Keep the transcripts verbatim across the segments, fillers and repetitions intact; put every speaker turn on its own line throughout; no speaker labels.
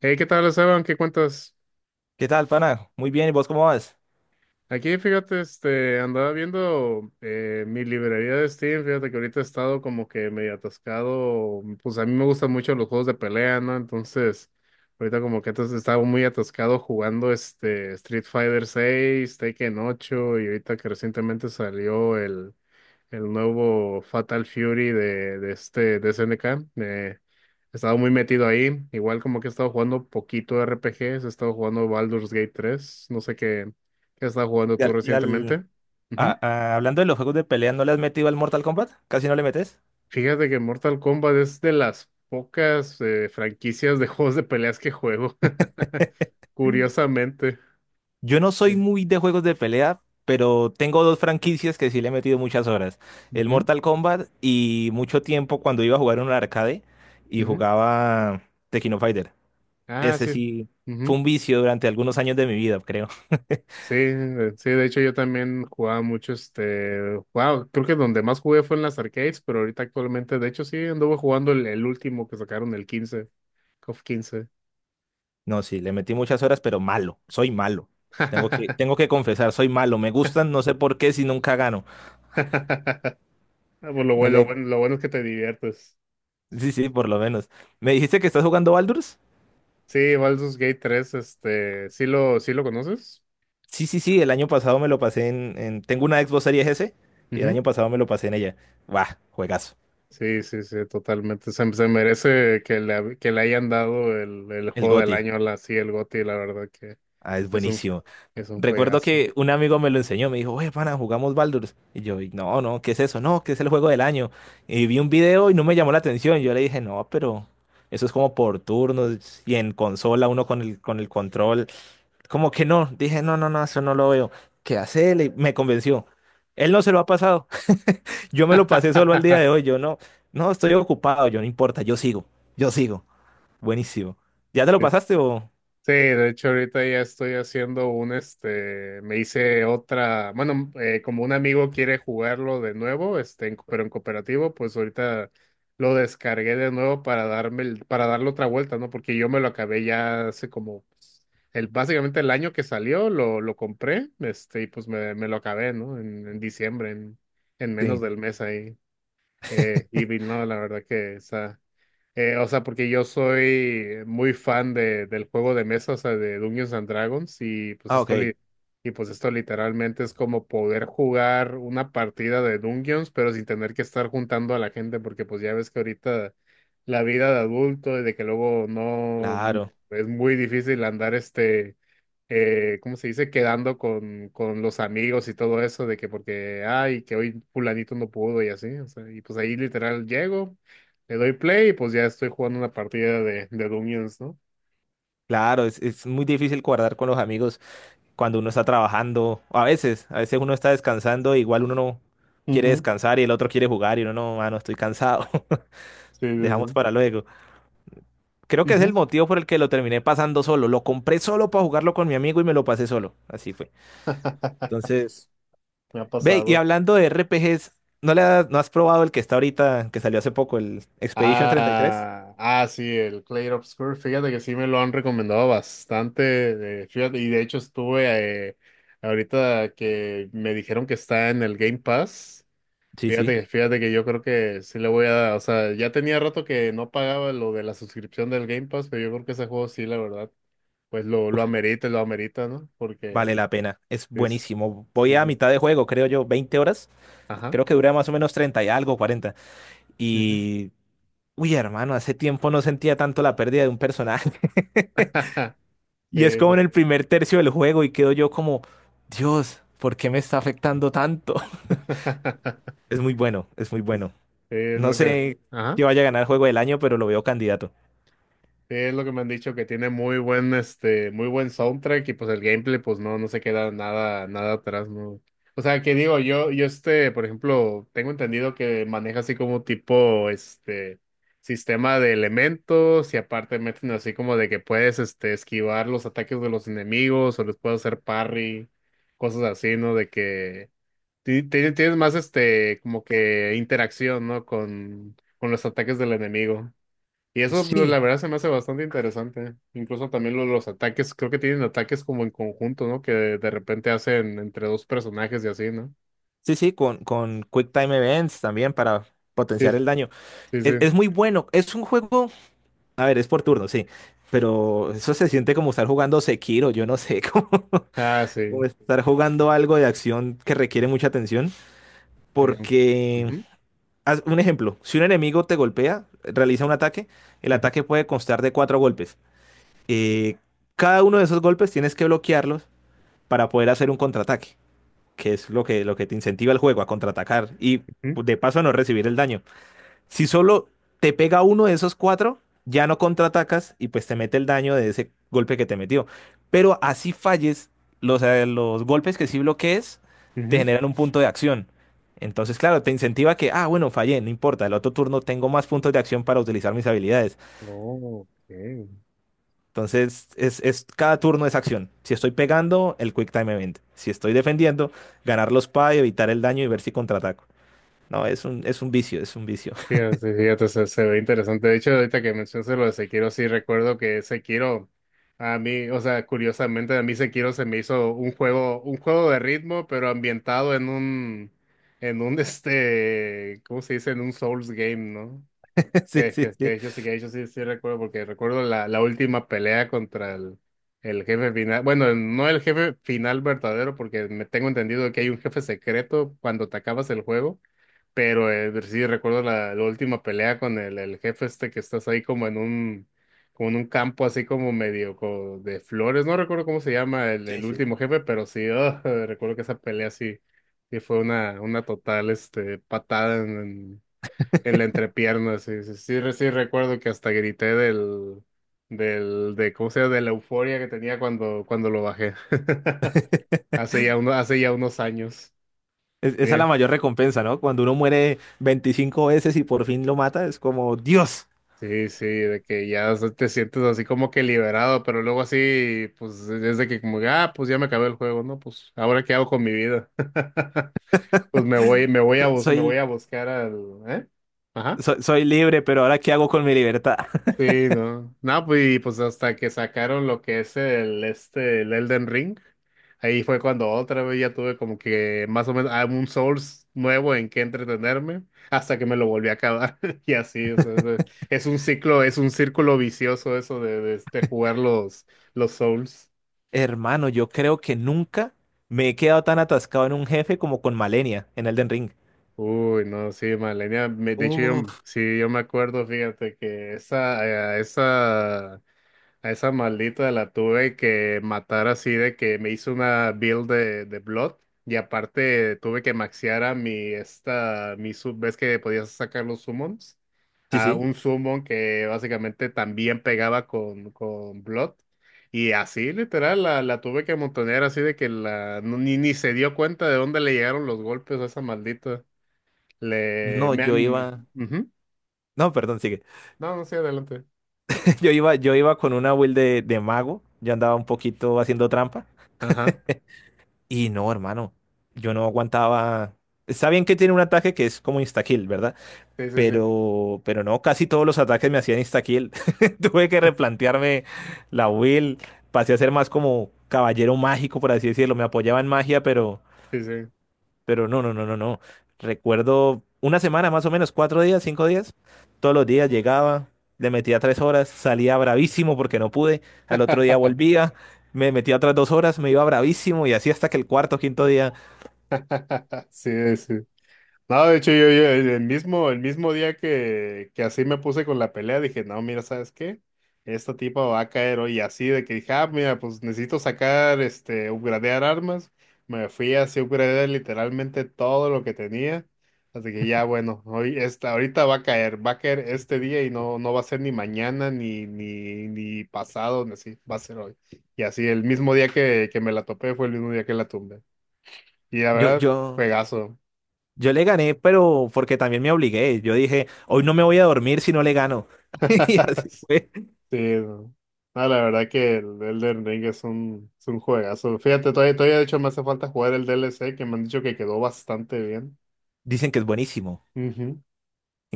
Hey, ¿qué tal, Esteban? ¿Qué cuentas?
¿Qué tal, pana? Muy bien, ¿y vos cómo vas?
Aquí, fíjate, este, andaba viendo eh, mi librería de Steam. Fíjate que ahorita he estado como que medio atascado, pues a mí me gustan mucho los juegos de pelea, ¿no? Entonces, ahorita como que antes estaba muy atascado jugando este Street Fighter seis, Tekken ocho, y ahorita que recientemente salió el, el nuevo Fatal Fury de, de este de E Ne Ka. Eh, he estado muy metido ahí. Igual como que he estado jugando poquito R P Ges, he estado jugando Baldur's Gate tres. No sé qué, qué has estado jugando
Y
tú
al, y al-
recientemente.
ah,
Ujú.
ah, Hablando de los juegos de pelea, ¿no le has metido al Mortal Kombat? ¿Casi no le metes?
Fíjate que Mortal Kombat es de las pocas eh, franquicias de juegos de peleas que juego.
Mm.
Curiosamente.
Yo no soy
Sí.
muy de juegos de pelea, pero tengo dos franquicias que sí le he metido muchas horas. El
Ujú,
Mortal Kombat y mucho tiempo cuando iba a jugar en un arcade y
ujú.
jugaba Tekken Fighter.
Ah,
Ese
sí.
sí fue
Ujú.
un vicio durante algunos años de mi vida, creo.
Sí, eh, sí, de hecho yo también jugaba mucho este, wow, creo que donde más jugué fue en las arcades, pero ahorita actualmente, de hecho sí, anduve jugando el, el último que sacaron, el quince, KOF quince.
No, sí, le metí muchas horas, pero malo, soy malo. Tengo que, tengo que confesar, soy malo. Me gustan, no sé por qué, si nunca gano.
Ah, pues lo
No
bueno, lo
le,
bueno, lo bueno es que te diviertes.
sí, sí, por lo menos. ¿Me dijiste que estás jugando Baldur's?
Sí, Baldur's Gate tres, este, sí lo, sí lo conoces.
Sí, sí, sí, el año pasado me lo pasé en, en- tengo una Xbox Series S y el
Ujú.
año pasado me lo pasé en ella. Buah, juegazo.
Sí, sí, sí, totalmente. Se, se merece que le, que le hayan dado el, el
El
juego del
G O T Y.
año, la, sí, el G O T Y, la verdad que
Ah, es
es un,
buenísimo.
es un
Recuerdo
juegazo.
que un amigo me lo enseñó, me dijo, oye, pana, jugamos Baldur's. Y yo, "Y no, no, ¿qué es eso? No, que es el juego del año". Y vi un video y no me llamó la atención. Yo le dije, no, pero eso es como por turnos y en consola, uno con el, con el control. Como que no, dije, no, no, no, eso no lo veo. ¿Qué hace él? Y me convenció. Él no se lo ha pasado. Yo me lo pasé solo al día de hoy. Yo no, no, estoy ocupado. Yo no importa, yo sigo, yo sigo. Buenísimo. ¿Ya te lo
Sí,
pasaste
sí,
o...?
de hecho ahorita ya estoy haciendo un, este, me hice otra, bueno, eh, como un amigo quiere jugarlo de nuevo, este, en- pero en cooperativo, pues ahorita lo descargué de nuevo para darme, el- para darle otra vuelta, ¿no? Porque yo me lo acabé ya hace como, pues, el, básicamente el año que salió, lo, lo compré, este, y pues me, me lo acabé, ¿no? En, en diciembre, en, en menos
Sí.
del mes ahí. Eh, y vi- no, la verdad que está. Eh, o sea, porque yo soy muy fan de, del juego de mesa, o sea, de Dungeons and Dragons, y pues
Ah,
esto
ok.
li- y pues esto literalmente es como poder jugar una partida de Dungeons, pero sin tener que estar juntando a la gente, porque pues ya ves que ahorita la vida de adulto y de que luego no
Claro,
es muy difícil andar este eh, ¿cómo se dice? Quedando con, con los amigos y todo eso, de que porque, ay, que hoy fulanito no pudo y así, o sea, y pues ahí literal llego, le doy play y pues ya estoy jugando una partida de, de Dungeons, ¿no?
claro. Es, es muy difícil guardar con los amigos cuando uno está trabajando. O a veces, a veces uno está descansando, igual uno no quiere
Ujú.
descansar y el otro quiere jugar y uno no, ah, no, estoy cansado.
Sí, sí,
Dejamos
sí.
para luego. Creo que es el
Ujú.
motivo por el que lo terminé pasando solo. Lo compré solo para jugarlo con mi amigo y me lo pasé solo. Así fue. Entonces,
Me ha
Ve, y
pasado.
hablando de R P Gs, ¿no le has, ¿no has probado el que está ahorita, que salió hace poco, el Expedition treinta y tres?
Ah, ah, sí, el Clay Obscur. Fíjate que sí me lo han recomendado bastante. Eh, fíjate, y de hecho estuve eh, ahorita que me dijeron que está en el Game Pass.
Sí, sí.
Fíjate, fíjate que yo creo que sí le voy a dar, o sea, ya tenía rato que no pagaba lo de la suscripción del Game Pass, pero yo creo que ese juego sí, la verdad, pues lo, lo
Uf,
amerita, lo amerita, ¿no? Porque
vale la pena. Es
es,
buenísimo. Voy
sí,
a
sí,
mitad de juego, creo yo, veinte horas.
ajá,
Creo que dura más o menos treinta y algo, cuarenta.
ujú.
Y... Uy, hermano, hace tiempo no sentía tanto la pérdida de un personaje. Y es
Sí,
como en
sí.
el primer tercio del juego y quedo yo como, Dios, ¿por qué me está afectando tanto? Es muy bueno, es muy bueno.
Sí, es
No
lo que,
sé
ajá.
si vaya a ganar juego del año, pero lo veo candidato.
Sí, es lo que me han dicho, que tiene muy buen, este, muy buen soundtrack, y pues el gameplay, pues no, no se queda nada, nada atrás, ¿no? O sea, que digo, yo, yo este, por ejemplo, tengo entendido que maneja así como tipo, este, sistema de elementos, y aparte meten así como de que puedes, este, esquivar los ataques de los enemigos o les puedes hacer parry, cosas así, ¿no? De que ti- ti- tienes más, este, como que interacción, ¿no? Con, con los ataques del enemigo. Y eso, lo- la
Sí,
verdad, se me hace bastante interesante. Incluso también lo- los ataques, creo que tienen ataques como en conjunto, ¿no? Que de, de repente hacen entre dos personajes y así, ¿no?
sí, sí, con, con Quick Time Events también para
Sí,
potenciar el daño.
sí,
Es,
sí.
es muy bueno, es un juego, a ver, es por turno, sí, pero eso se siente como estar jugando Sekiro, yo no sé, como,
Ah,
como
sí.
estar jugando algo de acción que requiere mucha atención,
Sí.
porque,
Ujú,
haz un ejemplo, si un enemigo te golpea, realiza un ataque, el
ujú,
ataque puede constar de cuatro golpes. Eh, cada uno de esos golpes tienes que bloquearlos para poder hacer un contraataque, que es lo que, lo que te incentiva el juego a contraatacar y
ujú,
pues, de paso, a no recibir el daño. Si solo te pega uno de esos cuatro, ya no contraatacas y pues te mete el daño de ese golpe que te metió. Pero así falles, los, eh, los golpes que sí bloquees te
ujú.
generan un punto de acción. Entonces, claro, te incentiva que, ah, bueno, fallé, no importa, el otro turno tengo más puntos de acción para utilizar mis habilidades.
Oh, ok.
Entonces, es, es- cada turno es acción. Si estoy pegando, el Quick Time Event. Si estoy defendiendo, ganar los P A y evitar el daño y ver si contraataco. No, es un, es un vicio, es un vicio.
Fíjate, sí, fíjate, se, se ve interesante. De hecho, ahorita que mencionas lo de Sekiro, sí recuerdo que Sekiro, a mí, o sea, curiosamente, a mí Sekiro se me hizo un juego, un juego de ritmo, pero ambientado en un, en un, este, ¿cómo se dice? En un Souls game, ¿no?
Sí,
Que,
sí,
que,
sí.
que yo sí, que yo sí, sí recuerdo, porque recuerdo la, la última pelea contra el, el jefe final. Bueno, no el jefe final verdadero, porque me tengo entendido que hay un jefe secreto cuando te acabas el juego, pero eh, sí recuerdo la, la última pelea con el, el jefe este que estás ahí como en un, como en un campo así como medio co- de flores. No recuerdo cómo se llama el,
Sí,
el
sí.
último jefe, pero sí, ah, recuerdo que esa pelea sí, sí fue una, una total este, patada en, en, en la entrepierna. Sí, sí, sí, re- sí recuerdo que hasta grité del, del, de, ¿cómo se llama? De la euforia que tenía cuando, cuando lo bajé. Hace ya uno, hace ya unos años.
Es-
Sí.
esa es la mayor recompensa, ¿no? Cuando uno muere veinticinco veces y por fin lo mata, es como, Dios,
Sí, sí, de que ya o sea, te sientes así como que liberado, pero luego así, pues e, es de que como, ah, pues ya me acabé el juego, ¿no? Pues ahora qué hago con mi vida. Pues me voy, me voy a,
so-
bus- me voy
soy,
a buscar al, ¿eh? Ajá.
so- soy libre, pero ahora ¿qué hago con mi libertad?
Sí, no. No, pues, y pues hasta que sacaron lo que es el este el Elden Ring, ahí fue cuando otra vez ya tuve como que más o menos ah, un Souls nuevo en que entretenerme, hasta que me lo volví a acabar. Y así, o sea, es, es un ciclo, es un círculo vicioso eso de, de, este, jugar los, los Souls.
Hermano, yo creo que nunca me he quedado tan atascado en un jefe como con Malenia en Elden Ring.
Uy, no, sí, Malenia, me- de hecho yo,
Uf,
sí, yo me acuerdo, fíjate que esa, eh, esa, a esa maldita la tuve que matar así de que me hizo una build de, de Blood, y aparte tuve que maxear a mi esta mi sub, ves que podías sacar los summons,
sí,
a
sí.
un summon que básicamente también pegaba con, con Blood, y así literal la, la tuve que montonear así de que la no- ni, ni se dio cuenta de dónde le llegaron los golpes a esa maldita. Le
No,
me,
yo
mm,
iba.
ujú.
No, perdón, sigue.
No, no, sí, adelante.
Yo iba, yo iba con una build de, de mago. Yo andaba un poquito haciendo trampa.
Ajá.
Y no, hermano. Yo no aguantaba. Está bien que tiene un ataque que es como instakill, ¿verdad?
Sí, sí, sí.
Pero, pero no, casi todos los ataques me hacían instakill. Tuve que replantearme la build. Pasé a ser más como caballero mágico, por así decirlo. Me apoyaba en magia, pero.
Sí, sí.
Pero no, no, no, no, no. Recuerdo una semana más o menos, cuatro días, cinco días. Todos los días llegaba, le metía tres horas, salía bravísimo porque no pude. Al otro día volvía, me metía otras dos horas, me iba bravísimo y así hasta que el cuarto, quinto día.
Sí, sí. No, de hecho, yo, yo el mismo, el mismo día que, que así me puse con la pelea, dije, no, mira, ¿sabes qué? Esta tipa va a caer hoy. Y así de que dije, ah, mira, pues necesito sacar, este, upgradear armas. Me fui así a upgradear literalmente todo lo que tenía. Así que ya, bueno, hoy esta, ahorita va a caer, va a caer este día y no, no va a ser ni mañana, ni, ni, ni pasado, ni así, va a ser hoy. Y así el mismo día que, que me la topé fue el mismo día que la tumbé. Y la
Yo,
verdad,
yo,
juegazo.
yo le gané, pero porque también me obligué. Yo dije, hoy no me voy a dormir si no le gano. Y así fue.
Sí, no. No, la verdad que el Elden Ring es un, es un juegazo. Fíjate, todavía, todavía de hecho me hace falta jugar el D L C que me han dicho que quedó bastante bien.
Dicen que es buenísimo.
Ujú.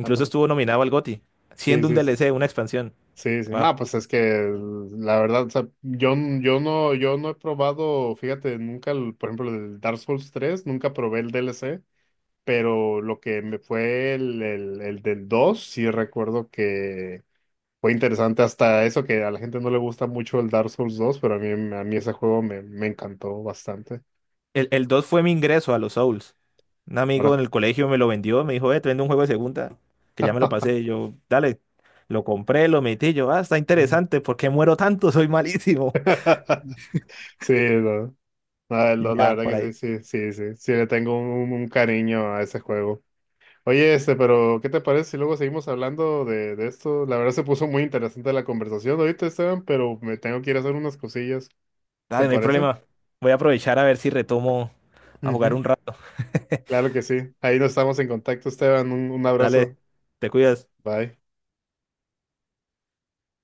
Ah, pues,
estuvo nominado al G O T Y,
sí,
siendo un
sí,
D L C, una expansión.
sí, sí.
Wow.
No, pues es que la verdad, o sea, yo, n- yo no, yo no he probado, fíjate, nunca, el- por ejemplo, el Dark Souls tres nunca probé el D L C, pero lo que me fue el, el, el del dos sí recuerdo. Fue interesante hasta eso que a la gente no le gusta mucho el Dark Souls dos, pero a mí, a mí ese juego me, me encantó bastante.
El, el dos fue mi ingreso a los Souls. Un amigo
Ahora.
en el colegio me lo vendió, me dijo, eh, te vendo un juego de segunda, que ya me lo pasé. Y yo, dale, lo compré, lo metí. Y yo, ah, está
Mm.
interesante, ¿por qué muero tanto? Soy malísimo.
Sí, no. No, el
Y
dos, la
ya,
verdad
por ahí.
que sí, sí, sí, sí, sí, le tengo un, un cariño a ese juego. Oye, este, pero ¿qué te parece si luego seguimos hablando de, de esto? La verdad se puso muy interesante la conversación ahorita, Esteban, pero me tengo que ir a hacer unas cosillas. ¿Te
Dale, no hay
parece?
problema. Voy a aprovechar a ver si retomo a jugar
Ujú.
un rato.
Claro que sí. Ahí nos estamos en contacto, Esteban. Un, un abrazo.
Dale, te cuidas.
Bye.